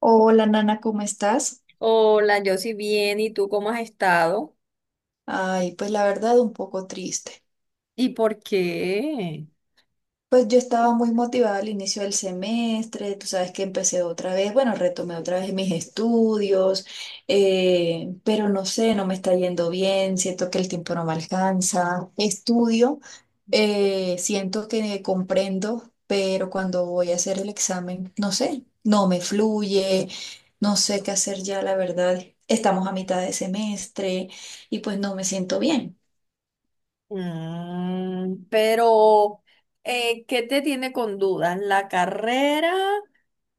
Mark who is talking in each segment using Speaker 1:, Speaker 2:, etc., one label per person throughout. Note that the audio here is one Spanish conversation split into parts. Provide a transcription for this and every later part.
Speaker 1: Hola, Nana, ¿cómo estás?
Speaker 2: Hola, yo sí bien, ¿y tú cómo has estado?
Speaker 1: Ay, pues la verdad un poco triste.
Speaker 2: ¿Y por qué?
Speaker 1: Pues yo estaba muy motivada al inicio del semestre, tú sabes que empecé otra vez, bueno, retomé otra vez mis estudios, pero no sé, no me está yendo bien, siento que el tiempo no me alcanza. Estudio, siento que comprendo, pero cuando voy a hacer el examen, no sé, no me fluye, no sé qué hacer ya, la verdad. Estamos a mitad de semestre y pues no me siento bien.
Speaker 2: Mm, pero, ¿qué te tiene con dudas? ¿La carrera?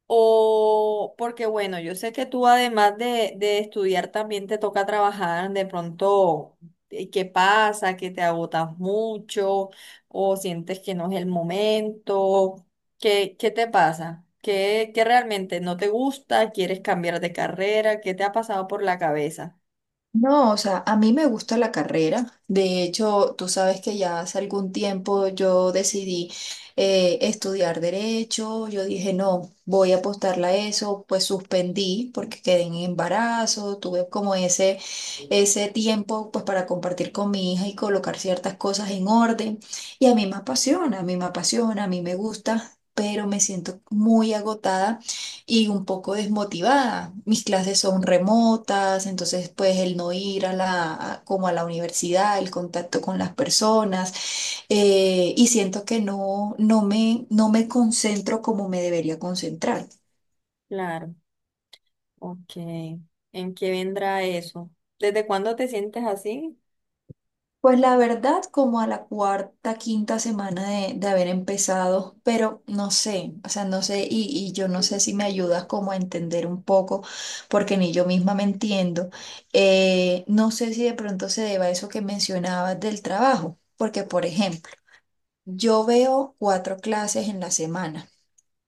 Speaker 2: O porque bueno, yo sé que tú además de estudiar también te toca trabajar, de pronto, ¿qué pasa? ¿Que te agotas mucho? ¿O sientes que no es el momento? ¿Qué te pasa? ¿Qué realmente no te gusta? ¿Quieres cambiar de carrera? ¿Qué te ha pasado por la cabeza?
Speaker 1: No, o sea, a mí me gusta la carrera. De hecho, tú sabes que ya hace algún tiempo yo decidí estudiar derecho. Yo dije, no, voy a apostarla a eso. Pues suspendí porque quedé en embarazo. Tuve como ese tiempo pues para compartir con mi hija y colocar ciertas cosas en orden. Y a mí me apasiona, a mí me apasiona, a mí me gusta, pero me siento muy agotada y un poco desmotivada. Mis clases son remotas, entonces pues el no ir a como a la universidad, el contacto con las personas, y siento que no, no me concentro como me debería concentrar.
Speaker 2: Claro, ok. ¿En qué vendrá eso? ¿Desde cuándo te sientes así?
Speaker 1: Pues la verdad, como a la cuarta, quinta semana de haber empezado, pero no sé, o sea, no sé, y yo no sé si me ayudas como a entender un poco, porque ni yo misma me entiendo. No sé si de pronto se deba a eso que mencionabas del trabajo, porque por ejemplo, yo veo cuatro clases en la semana.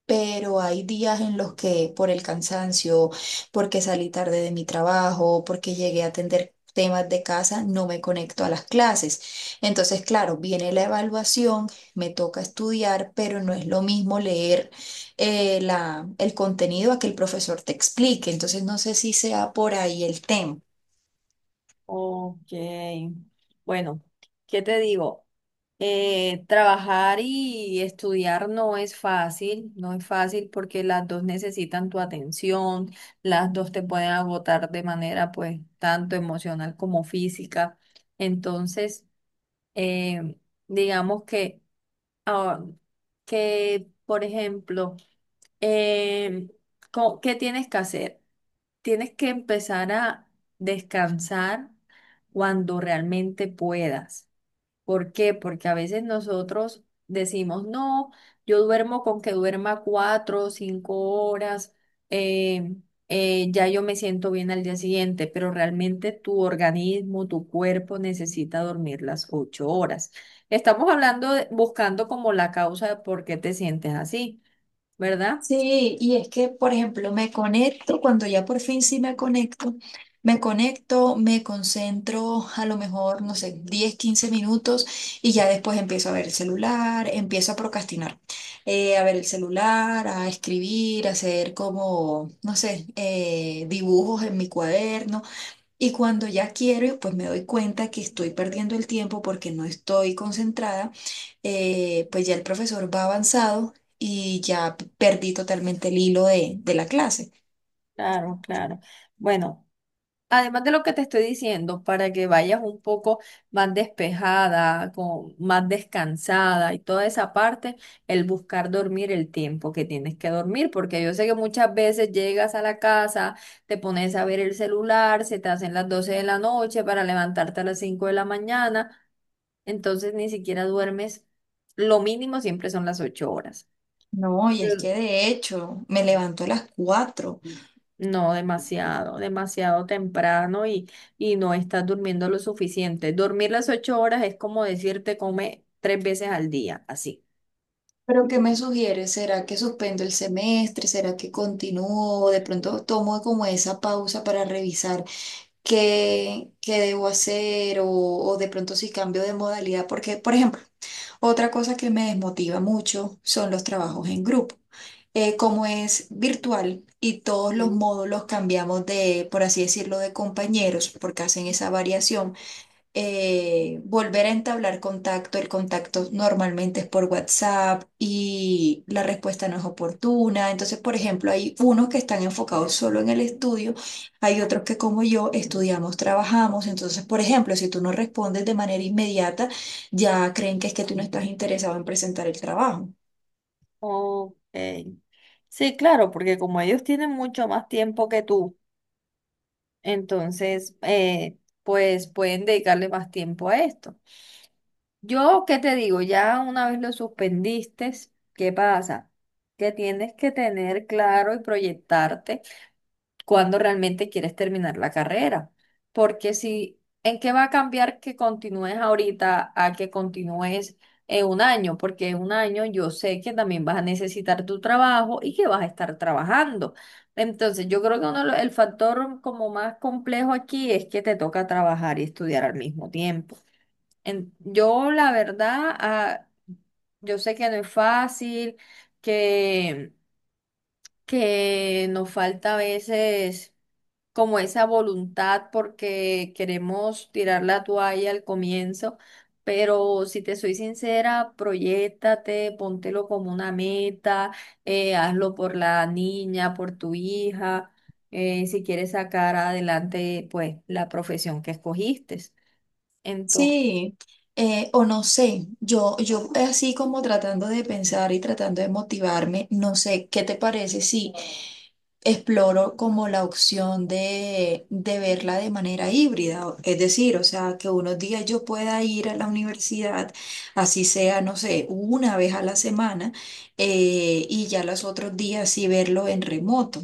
Speaker 1: Pero hay días en los que por el cansancio, porque salí tarde de mi trabajo, porque llegué a atender temas de casa, no me conecto a las clases. Entonces, claro, viene la evaluación, me toca estudiar, pero no es lo mismo leer el contenido a que el profesor te explique. Entonces, no sé si sea por ahí el tema.
Speaker 2: Ok. Bueno, ¿qué te digo? Trabajar y estudiar no es fácil, no es fácil porque las dos necesitan tu atención, las dos te pueden agotar de manera pues tanto emocional como física. Entonces, eh, digamos que, ah, por ejemplo, em, ¿qué tienes que hacer? Tienes que empezar a descansar cuando realmente puedas. ¿Por qué? Porque a veces nosotros decimos, no, yo duermo con que duerma 4 o 5 horas, eh, ya yo me siento bien al día siguiente, pero realmente tu organismo, tu cuerpo necesita dormir las 8 horas. Estamos hablando, buscando como la causa de por qué te sientes así, ¿verdad?
Speaker 1: Sí, y es que, por ejemplo, me conecto, cuando ya por fin sí me conecto, me conecto, me concentro a lo mejor, no sé, 10, 15 minutos y ya después empiezo a ver el celular, empiezo a procrastinar, a ver el celular, a escribir, a hacer como, no sé, dibujos en mi cuaderno y cuando ya quiero, pues me doy cuenta que estoy perdiendo el tiempo porque no estoy concentrada, pues ya el profesor va avanzado y ya perdí totalmente el hilo de la clase.
Speaker 2: Claro, claro. Bueno. Además de lo que te estoy diciendo, para que vayas un poco más despejada, más descansada y toda esa parte, el buscar dormir el tiempo que tienes que dormir, porque yo sé que muchas veces llegas a la casa, te pones a ver el celular, se te hacen las 12 de la noche para levantarte a las 5 de la mañana, entonces ni siquiera duermes, lo mínimo siempre son las 8 horas.
Speaker 1: No, y es que de hecho me levanto a las 4.
Speaker 2: No, demasiado, demasiado temprano y no estás durmiendo lo suficiente. Dormir las ocho horas es como decirte come tres veces al día, así.
Speaker 1: ¿Pero qué me sugieres? ¿Será que suspendo el semestre? ¿Será que continúo? ¿De pronto tomo como esa pausa para revisar qué debo hacer o de pronto si cambio de modalidad? Porque, por ejemplo, otra cosa que me desmotiva mucho son los trabajos en grupo. Como es virtual y todos los
Speaker 2: Mm.
Speaker 1: módulos cambiamos de, por así decirlo, de compañeros, porque hacen esa variación. Volver a entablar contacto. El contacto normalmente es por WhatsApp y la respuesta no es oportuna. Entonces, por ejemplo, hay unos que están enfocados solo en el estudio, hay otros que como yo estudiamos, trabajamos. Entonces, por ejemplo, si tú no respondes de manera inmediata, ya creen que es que tú no estás interesado en presentar el trabajo.
Speaker 2: Ok. Sí, claro, porque como ellos tienen mucho más tiempo que tú, entonces, pues pueden dedicarle más tiempo a esto. Yo, ¿qué te digo? Ya una vez lo suspendiste, ¿qué pasa? Que tienes que tener claro y proyectarte, cuando realmente quieres terminar la carrera. Porque si, ¿en qué va a cambiar que continúes ahorita a que continúes en un año? Porque en un año yo sé que también vas a necesitar tu trabajo y que vas a estar trabajando. Entonces, yo creo que uno, el factor como más complejo aquí es que te toca trabajar y estudiar al mismo tiempo. Yo, la verdad, yo sé que no es fácil, que, que nos falta a veces como esa voluntad porque queremos tirar la toalla al comienzo, pero si te soy sincera, proyéctate, póntelo como una meta, hazlo por la niña, por tu hija, si quieres sacar adelante pues la profesión que escogiste.
Speaker 1: Sí, o no sé, yo así como tratando de pensar y tratando de motivarme, no sé, ¿qué te parece si exploro como la opción de verla de manera híbrida? Es decir, o sea, que unos días yo pueda ir a la universidad, así sea, no sé, una vez a la semana, y ya los otros días sí verlo en remoto.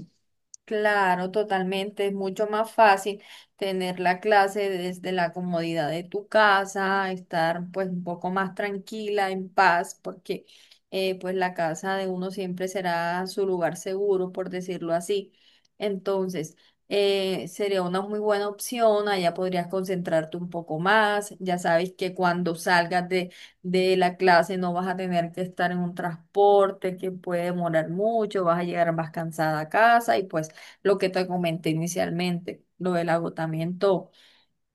Speaker 2: Claro, totalmente. Es mucho más fácil tener la clase desde la comodidad de tu casa, estar pues un poco más tranquila, en paz, porque pues la casa de uno siempre será su lugar seguro, por decirlo así. Entonces, sería una muy buena opción, allá podrías concentrarte un poco más. Ya sabes que cuando salgas de la clase no vas a tener que estar en un transporte que puede demorar mucho, vas a llegar más cansada a casa y pues lo que te comenté inicialmente, lo del agotamiento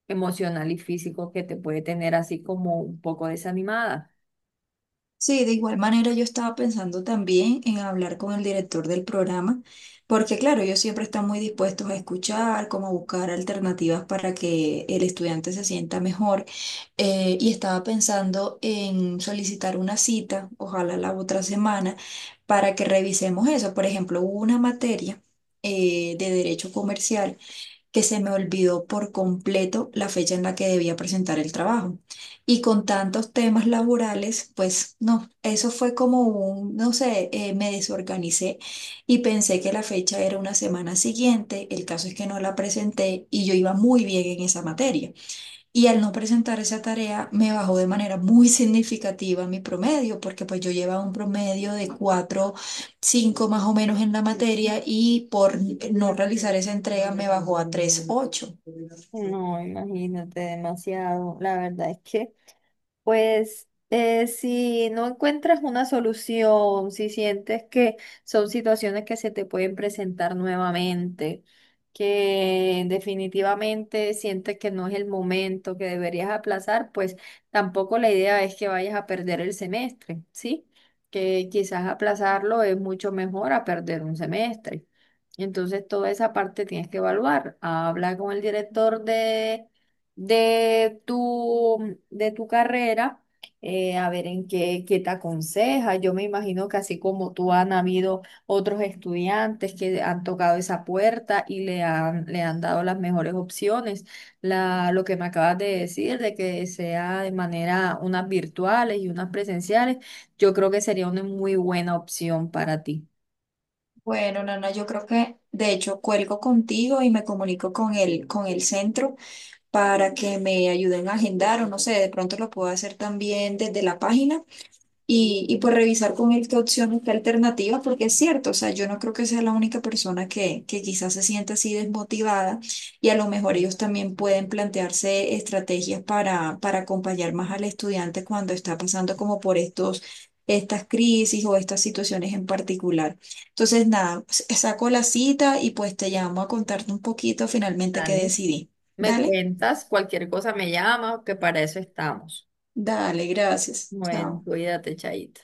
Speaker 2: emocional y físico que te puede tener así como un poco desanimada.
Speaker 1: Sí, de igual manera yo estaba pensando también en hablar con el director del programa, porque claro, ellos siempre están muy dispuestos a escuchar, como a buscar alternativas para que el estudiante se sienta mejor. Y estaba pensando en solicitar una cita, ojalá la otra semana, para que revisemos eso. Por ejemplo, hubo una materia de derecho comercial que se me olvidó por completo la fecha en la que debía presentar el trabajo. Y con tantos temas laborales, pues no, eso fue como un, no sé, me desorganicé y pensé que la fecha era una semana siguiente. El caso es que no la presenté y yo iba muy bien en esa materia. Y al no presentar esa tarea me bajó de manera muy significativa mi promedio, porque pues yo llevaba un promedio de 4 5 más o menos en la materia y por no realizar esa entrega me bajó a 3, ocho.
Speaker 2: No, imagínate, demasiado. La verdad es que si no encuentras una solución, si sientes que son situaciones que se te pueden presentar nuevamente, que definitivamente sientes que no es el momento, que deberías aplazar, pues tampoco la idea es que vayas a perder el semestre, ¿sí? Que quizás aplazarlo es mucho mejor a perder un semestre. Entonces toda esa parte tienes que evaluar. Habla con el director de tu carrera, a ver en qué, te aconseja. Yo me imagino que así como tú han habido otros estudiantes que han tocado esa puerta y le han dado las mejores opciones. Lo que me acabas de decir, de que sea de manera unas virtuales y unas presenciales, yo creo que sería una muy buena opción para ti.
Speaker 1: Bueno, Nana, yo creo que de hecho cuelgo contigo y me comunico con el, centro para que me ayuden a agendar o no sé, de pronto lo puedo hacer también desde la página. Y pues revisar con él qué opciones, qué alternativas, porque es cierto, o sea, yo no creo que sea la única persona que quizás se sienta así desmotivada y a lo mejor ellos también pueden plantearse estrategias para acompañar más al estudiante cuando está pasando como por estas crisis o estas situaciones en particular. Entonces, nada, saco la cita y pues te llamo a contarte un poquito finalmente qué
Speaker 2: Dale.
Speaker 1: decidí.
Speaker 2: Me
Speaker 1: Dale,
Speaker 2: cuentas, cualquier cosa me llama, que para eso estamos.
Speaker 1: dale, gracias.
Speaker 2: Bueno,
Speaker 1: Chao.
Speaker 2: cuídate, Chaito.